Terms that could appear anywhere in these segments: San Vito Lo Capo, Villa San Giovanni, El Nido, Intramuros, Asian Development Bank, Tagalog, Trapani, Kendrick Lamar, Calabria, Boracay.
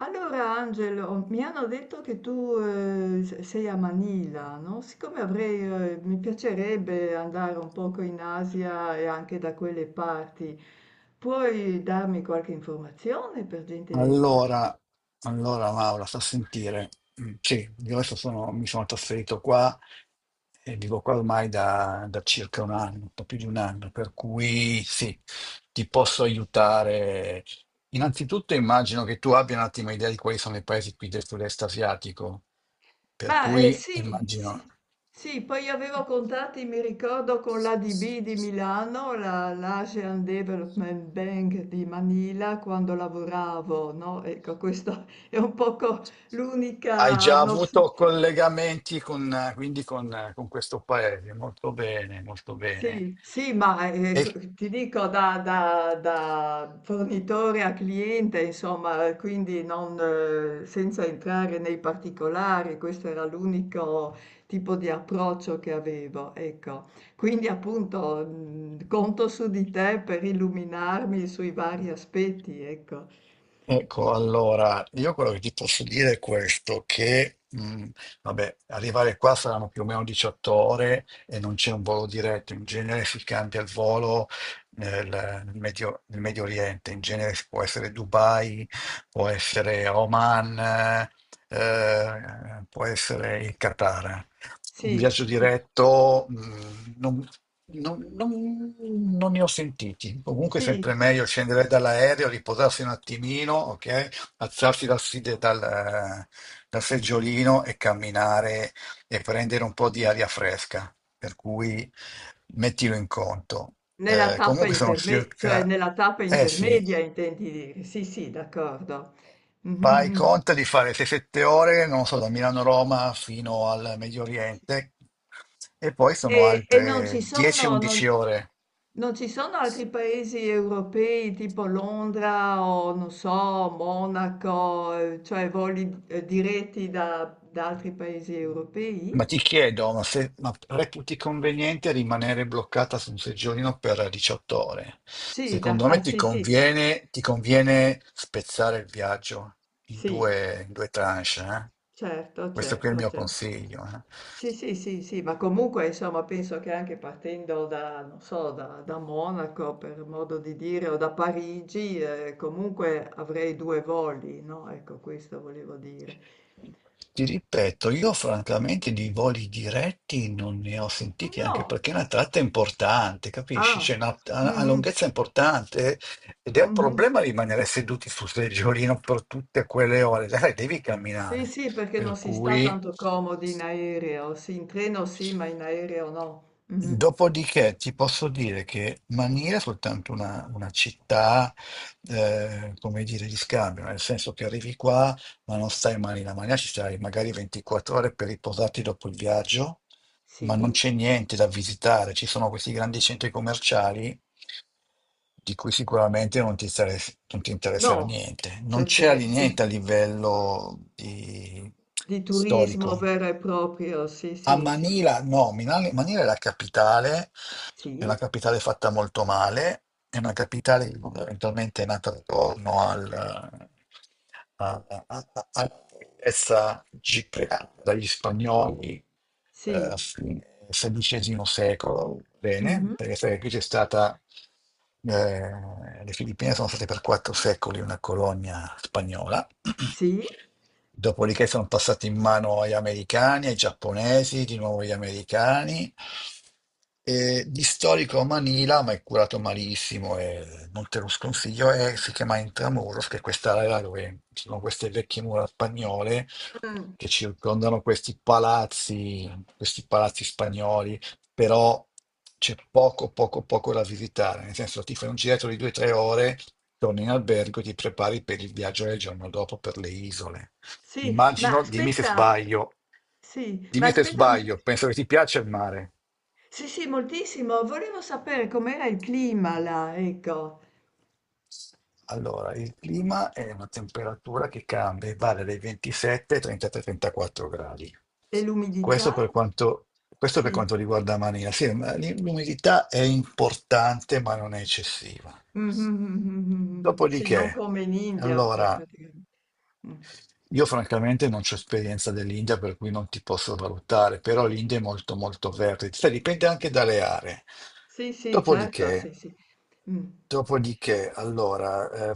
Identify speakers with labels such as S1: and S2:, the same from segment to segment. S1: Allora Angelo, mi hanno detto che tu sei a Manila, no? Siccome avrei, mi piacerebbe andare un poco in Asia e anche da quelle parti, puoi darmi qualche informazione per gentilezza?
S2: Allora, allora Maura, sta a sentire. Mm, sì, io adesso mi sono trasferito qua e vivo qua ormai da circa un anno, un po' più di un anno, per cui sì, ti posso aiutare. Innanzitutto immagino che tu abbia un attimo idea di quali sono i paesi qui del sud-est asiatico, per
S1: Ma
S2: cui
S1: sì,
S2: immagino.
S1: sì, sì, poi avevo contatti, mi ricordo, con l'ADB di Milano, l'Asian Development Bank di Manila, quando lavoravo, no? Ecco, questo è un poco
S2: Hai
S1: l'unica
S2: già
S1: nozione.
S2: avuto collegamenti con questo paese, molto bene, molto bene.
S1: Sì, sì,
S2: E
S1: ti dico da fornitore a cliente, insomma, quindi non, senza entrare nei particolari, questo era l'unico tipo di approccio che avevo, ecco. Quindi appunto conto su di te per illuminarmi sui vari aspetti, ecco.
S2: Ecco, allora, io quello che ti posso dire è questo, che vabbè, arrivare qua saranno più o meno 18 ore e non c'è un volo diretto. In genere si cambia il volo nel Medio Oriente, in genere può essere Dubai, può essere Oman, può essere il Qatar. Un viaggio
S1: Sì, cu-
S2: diretto, non ne ho sentiti. Comunque è
S1: sì,
S2: sempre meglio scendere dall'aereo, riposarsi un attimino, ok? Alzarsi dal seggiolino e camminare e prendere un po' di aria fresca. Per cui mettilo in conto.
S1: nella
S2: Comunque sono
S1: cioè
S2: circa,
S1: nella tappa
S2: eh sì,
S1: intermedia intendi dire, sì, sì, d'accordo. Mhm,
S2: fai
S1: mhm.
S2: conto di fare 6-7 ore, non so, da Milano a Roma fino al Medio Oriente, e poi sono
S1: E
S2: altre 10-11 ore.
S1: non ci sono altri paesi europei tipo Londra o non so, Monaco, cioè voli diretti da, da altri paesi
S2: Ma
S1: europei?
S2: ti chiedo, ma, se, ma reputi conveniente rimanere bloccata su un seggiolino per 18 ore? Secondo me
S1: Ah,
S2: ti
S1: sì, sì,
S2: conviene, ti conviene spezzare il viaggio in
S1: sì.
S2: due, in due tranche, eh?
S1: Certo,
S2: Questo qui è il
S1: certo,
S2: mio
S1: cer.
S2: consiglio, eh?
S1: Sì, sì, sì, sì, ma comunque insomma penso che anche partendo da, non so, da, da Monaco per modo di dire o da Parigi, comunque avrei due voli, no? Ecco, questo volevo dire.
S2: Ti ripeto, io francamente di voli diretti non ne ho
S1: No,
S2: sentiti, anche
S1: no,
S2: perché è una tratta importante, capisci?
S1: ah,
S2: C'è una, ha ha
S1: mhm,
S2: lunghezza importante ed è un
S1: mhm.
S2: problema rimanere seduti sul seggiolino per tutte quelle ore. Sai, devi
S1: Sì,
S2: camminare,
S1: sì, perché non
S2: per
S1: si sta
S2: cui...
S1: tanto comodi in aereo, sì, in treno sì, ma in aereo no. Mhm.
S2: Dopodiché ti posso dire che Mania è soltanto una città, come dire, di scambio, nel senso che arrivi qua, ma non stai mai in Mania, ci stai magari 24 ore per riposarti dopo il viaggio, ma non
S1: Sì,
S2: c'è niente da visitare, ci sono questi grandi centri commerciali di cui sicuramente non ti interesserà
S1: no,
S2: niente. Non c'è
S1: cercherei,
S2: niente a livello
S1: di turismo
S2: storico.
S1: vero e proprio, sì,
S2: A
S1: sì, sì,
S2: Manila, no, Manila è la capitale, è una
S1: sì,
S2: capitale fatta molto male, è una capitale che fondamentalmente è nata attorno al, a, a, a- a- alla ricchezza gigante dagli spagnoli, a
S1: sì,
S2: fine XVI secolo. Bene,
S1: mhm,
S2: perché sai che qui eh, le Filippine sono state per 4 secoli una colonia spagnola.
S1: sì,
S2: Dopodiché sono passate in mano agli americani, ai giapponesi, di nuovo agli americani. E di storico Manila, ma è curato malissimo e non te lo sconsiglio, e si chiama Intramuros, che è quest'area dove ci sono queste vecchie mura spagnole
S1: mm,
S2: che circondano questi palazzi spagnoli, però c'è poco, poco, poco da visitare, nel senso ti fai un giretto di 2 o 3 ore, torni in albergo e ti prepari per il viaggio del giorno dopo per le isole.
S1: sì, ma
S2: Immagino,
S1: aspetta, sì, ma
S2: dimmi se
S1: aspetta, un-
S2: sbaglio, penso che ti piaccia il mare.
S1: sì, sì, moltissimo, volevo sapere com'era il clima là, ecco,
S2: Allora, il clima è una temperatura che cambia, e varia dai 27 ai 33-34 gradi.
S1: e l'umidità,
S2: Questo per quanto, questo per
S1: sì,
S2: quanto riguarda Maria. Sì, ma l'umidità è importante, ma non è eccessiva.
S1: mhm, sì, non
S2: Dopodiché,
S1: come in India,
S2: allora,
S1: praticamente. Mm.
S2: io francamente non ho esperienza dell'India, per cui non ti posso valutare, però l'India è molto molto verde. Sai, dipende anche dalle aree.
S1: Sì, sì, certo, sì,
S2: Dopodiché,
S1: sì. Mm.
S2: dopodiché, allora,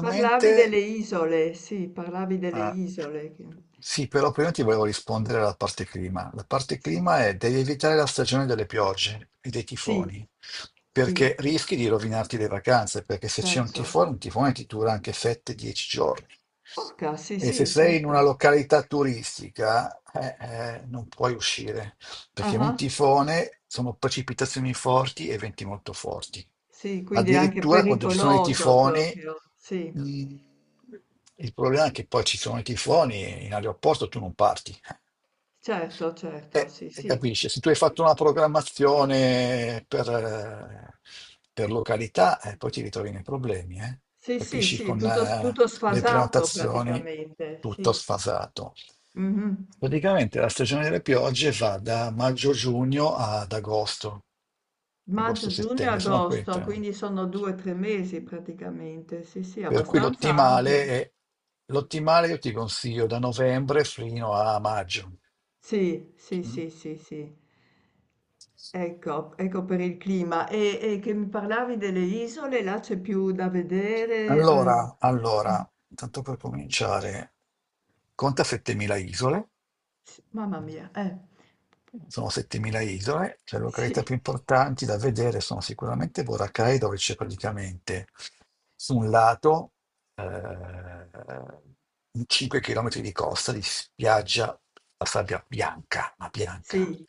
S1: Parlavi delle isole, sì, parlavi delle
S2: Ah,
S1: isole, che-
S2: sì, però prima ti volevo rispondere alla parte clima. La parte
S1: sì,
S2: clima è devi evitare la stagione delle piogge e dei
S1: sì,
S2: tifoni,
S1: sì.
S2: perché rischi di rovinarti le vacanze, perché se c'è un
S1: Certo.
S2: tifone, un tifone ti dura anche 7-10 giorni.
S1: Urca, sì,
S2: E se
S1: sì,
S2: sei in una
S1: certo.
S2: località turistica, non puoi uscire perché un
S1: Ah-ah,
S2: tifone sono precipitazioni forti e venti molto forti.
S1: sì, quindi è anche
S2: Addirittura quando ci sono i
S1: pericoloso
S2: tifoni,
S1: proprio, sì,
S2: mh, il problema è che poi ci sono i tifoni e in aeroporto tu non parti.
S1: certo, certo, sì, sì.
S2: Capisci, se tu hai fatto una programmazione per località, poi ti ritrovi nei problemi, eh.
S1: Sì, sì,
S2: Capisci,
S1: sì,
S2: con
S1: tutto, tutto
S2: le
S1: sfasato
S2: prenotazioni,
S1: praticamente,
S2: tutto
S1: sì.
S2: sfasato.
S1: Mhm.
S2: Praticamente la stagione delle piogge va da maggio-giugno ad agosto,
S1: Maggio, giugno,
S2: agosto-settembre, sono
S1: agosto,
S2: queste.
S1: quindi sono due o tre mesi praticamente, sì, sì,
S2: Per cui
S1: abbastanza
S2: l'ottimale
S1: ampio.
S2: è, l'ottimale io ti consiglio da novembre fino a maggio.
S1: Sì, sì,
S2: Mm?
S1: sì, sì, sì. Ecco, ecco per il clima. E che mi parlavi delle isole, là c'è più da vedere.
S2: Allora, tanto per cominciare, conta 7.000 isole,
S1: S mamma mia, eh.
S2: sono 7.000 isole, le località
S1: Sì.
S2: più importanti da vedere sono sicuramente Boracay, dove c'è praticamente su un lato eh, 5 km di costa di spiaggia, la sabbia bianca, ma bianca.
S1: Sì.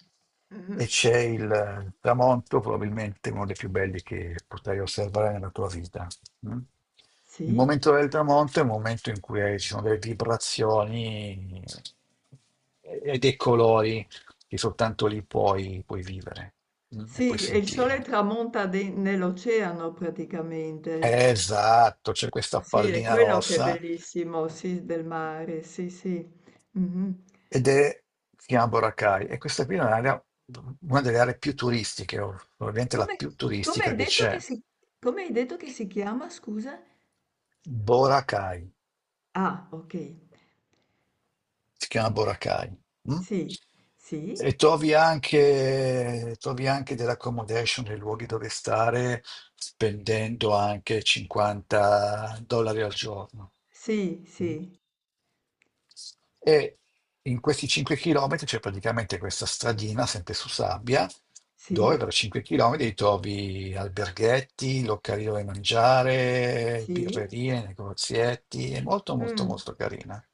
S2: E
S1: Mh-mh.
S2: c'è il tramonto, probabilmente uno dei più belli che potrai osservare nella tua vita. Mm? Il
S1: Sì?
S2: momento del tramonto è un momento in cui ci sono delle vibrazioni e dei colori che soltanto lì puoi, puoi vivere, e
S1: Sì,
S2: puoi
S1: e il sole
S2: sentire.
S1: tramonta de nell'oceano praticamente.
S2: Esatto, c'è questa
S1: Sì, è
S2: pallina
S1: quello che è
S2: rossa
S1: bellissimo, sì, del mare, sì, sì. Mh-mh.
S2: ed è si chiama Boracay, e questa qui è una delle aree più turistiche, o probabilmente la
S1: Come
S2: più
S1: come
S2: turistica
S1: hai
S2: che
S1: detto
S2: c'è.
S1: che si Come hai detto che si chiama, scusa?
S2: Boracay,
S1: Ah, okay.
S2: si chiama Boracay. Mm?
S1: Sì, sì,
S2: E trovi anche dell'accommodation, dei luoghi dove stare, spendendo anche 50 dollari al giorno.
S1: sì,
S2: Mm?
S1: sì,
S2: E in questi 5 chilometri c'è praticamente questa stradina, sempre su sabbia, dove
S1: sì,
S2: per 5 chilometri trovi alberghetti, locali dove mangiare,
S1: sì,
S2: birrerie, negozietti, è molto molto
S1: mh,
S2: molto carina.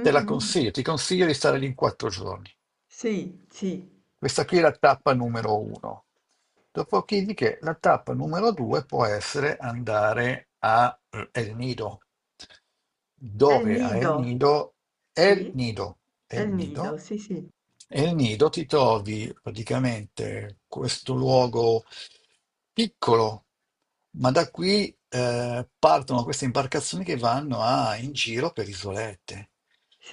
S2: Te la
S1: mh.
S2: consiglio, ti consiglio di stare lì in 4 giorni.
S1: Sì, sì.
S2: Questa qui è la tappa numero uno. Dopodiché la tappa numero due può essere andare a El Nido,
S1: È il
S2: dove a El
S1: nido,
S2: Nido. El
S1: sì.
S2: Nido.
S1: È il
S2: El
S1: nido,
S2: Nido.
S1: sì, sì.
S2: El Nido ti trovi praticamente questo luogo piccolo, ma da qui partono queste imbarcazioni che vanno in giro per isolette.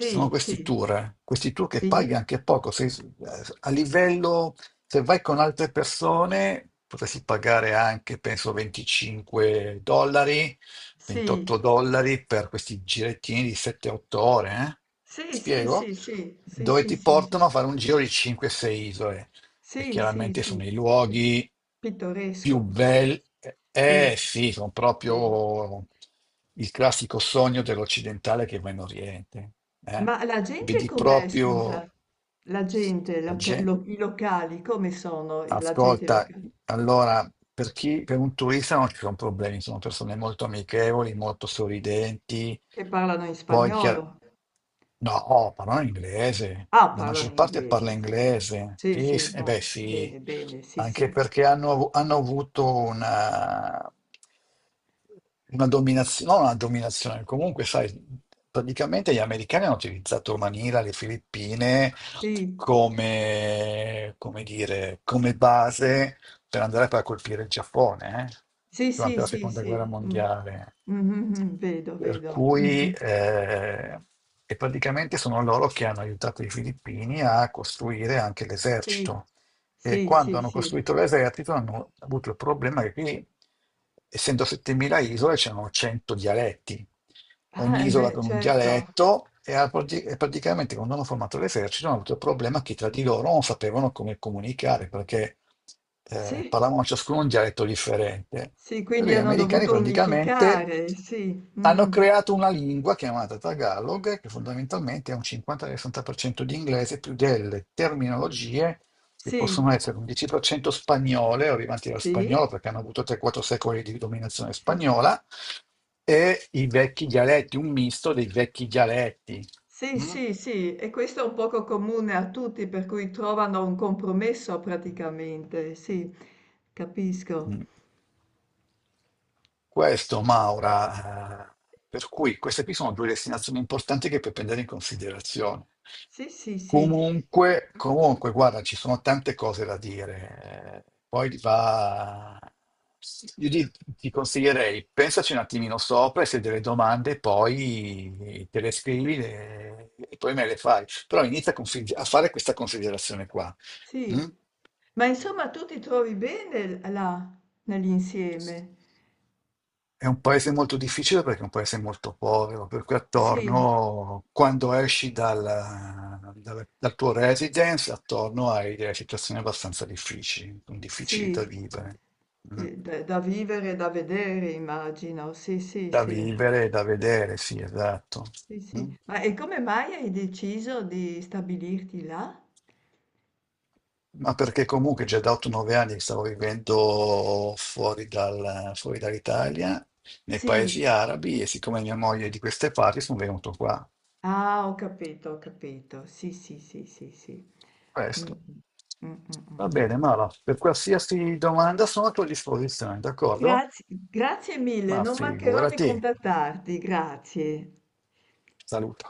S2: Ci sono questi
S1: sì,
S2: tour, eh, questi tour che
S1: sì,
S2: paghi anche poco. Se, a livello, se vai con altre persone, potresti pagare anche, penso, 25 dollari,
S1: sì.
S2: 28 dollari per questi girettini di 7-8 ore.
S1: Sì, sì,
S2: Spiego?
S1: sì, sì, sì,
S2: Dove
S1: sì,
S2: ti
S1: sì, sì.
S2: portano a fare un giro di 5-6 isole e
S1: Sì, sì,
S2: chiaramente
S1: sì.
S2: sono i
S1: Pi-
S2: luoghi più
S1: Pittoresco proprio.
S2: belli.
S1: Sì,
S2: Eh sì, sono
S1: sì.
S2: proprio il classico sogno dell'occidentale che va in Oriente. eh.
S1: Ma la gente
S2: Vedi
S1: com'è,
S2: proprio
S1: scusa? La gente,
S2: la gente.
S1: i locali, come sono la gente
S2: Ascolta,
S1: locale?
S2: allora, per chi, per un turista non ci sono problemi, sono persone molto amichevoli, molto sorridenti.
S1: Che parlano in
S2: Poi,
S1: spagnolo?
S2: no, oh, parlano inglese,
S1: Ah,
S2: la
S1: parlano
S2: maggior
S1: in
S2: parte parla
S1: inglese, sì.
S2: inglese.
S1: Sì,
S2: Sì,
S1: sì,
S2: eh
S1: bon,
S2: beh, sì,
S1: bene, bene, sì,
S2: anche
S1: sì.
S2: perché hanno avuto una dominazione, non una dominazione, comunque, sai, praticamente gli americani hanno utilizzato Manila, le Filippine
S1: Sì,
S2: come dire, come base per andare poi a colpire il Giappone,
S1: sì, sì,
S2: durante la
S1: sì,
S2: seconda
S1: sì.
S2: guerra
S1: Mm.
S2: mondiale.
S1: Mhm, mhm, vedo,
S2: Per
S1: vedo. Mm,
S2: cui,
S1: mm.
S2: e praticamente sono loro che hanno aiutato i filippini a costruire anche
S1: Sì,
S2: l'esercito. E
S1: sì,
S2: quando
S1: sì,
S2: hanno
S1: sì.
S2: costruito l'esercito hanno avuto il problema che qui, essendo 7.000 isole, c'erano 100 dialetti,
S1: Ah,
S2: ogni
S1: e
S2: isola
S1: beh,
S2: con un
S1: certo.
S2: dialetto, e praticamente quando hanno formato l'esercito hanno avuto il problema che tra di loro non sapevano come comunicare, perché
S1: Sì,
S2: parlavano ciascuno un dialetto differente.
S1: sì,
S2: Per
S1: quindi
S2: cui gli
S1: hanno
S2: americani
S1: dovuto
S2: praticamente
S1: unificare, sì.
S2: hanno
S1: Mhm.
S2: creato una lingua chiamata Tagalog, che fondamentalmente è un 50-60% di inglese più delle terminologie, sì,
S1: Sì,
S2: possono essere un 10% spagnole, arrivanti dallo
S1: sì,
S2: spagnolo, perché hanno avuto 3-4 secoli di dominazione
S1: sì,
S2: spagnola, e i vecchi dialetti, un misto dei vecchi dialetti.
S1: sì,
S2: Mm?
S1: sì, sì. E questo è un poco comune a tutti, per cui trovano un compromesso praticamente, sì, capisco.
S2: Mm. Questo, Maura, per cui queste qui sono due destinazioni importanti che puoi prendere in considerazione.
S1: Sì, sì, sì,
S2: Comunque, guarda, ci sono tante cose da dire. Io ti consiglierei, pensaci un attimino sopra e se hai delle domande poi te le scrivi e poi me le fai. Però inizia a fare questa considerazione qua. Mm?
S1: sì. Ma insomma, tu ti trovi bene là, nell'insieme?
S2: È un paese molto difficile perché è un paese molto povero, per cui
S1: Sì,
S2: attorno, quando esci dal tuo residence, attorno hai delle situazioni abbastanza difficili, difficili da
S1: sì,
S2: vivere. Mm.
S1: da, da vivere, da vedere, immagino. Sì, sì,
S2: Da
S1: sì.
S2: vivere e da vedere, sì, esatto.
S1: Sì,
S2: Mm.
S1: sì. Ma e come mai hai deciso di stabilirti là?
S2: Ma perché comunque già da 8-9 anni che stavo vivendo fuori dall'Italia, nei
S1: Sì.
S2: paesi arabi, e siccome mia moglie è di queste parti, sono venuto qua.
S1: Ah, ho capito, ho capito. Sì, sì, sì, sì, sì. Mm,
S2: Questo.
S1: mm, mm, mm,
S2: Va
S1: mm.
S2: bene, Mara, per qualsiasi domanda sono a tua disposizione, d'accordo?
S1: Grazie, grazie mille,
S2: Ma
S1: non mancherò di
S2: figurati.
S1: contattarti, grazie.
S2: Salutiamo.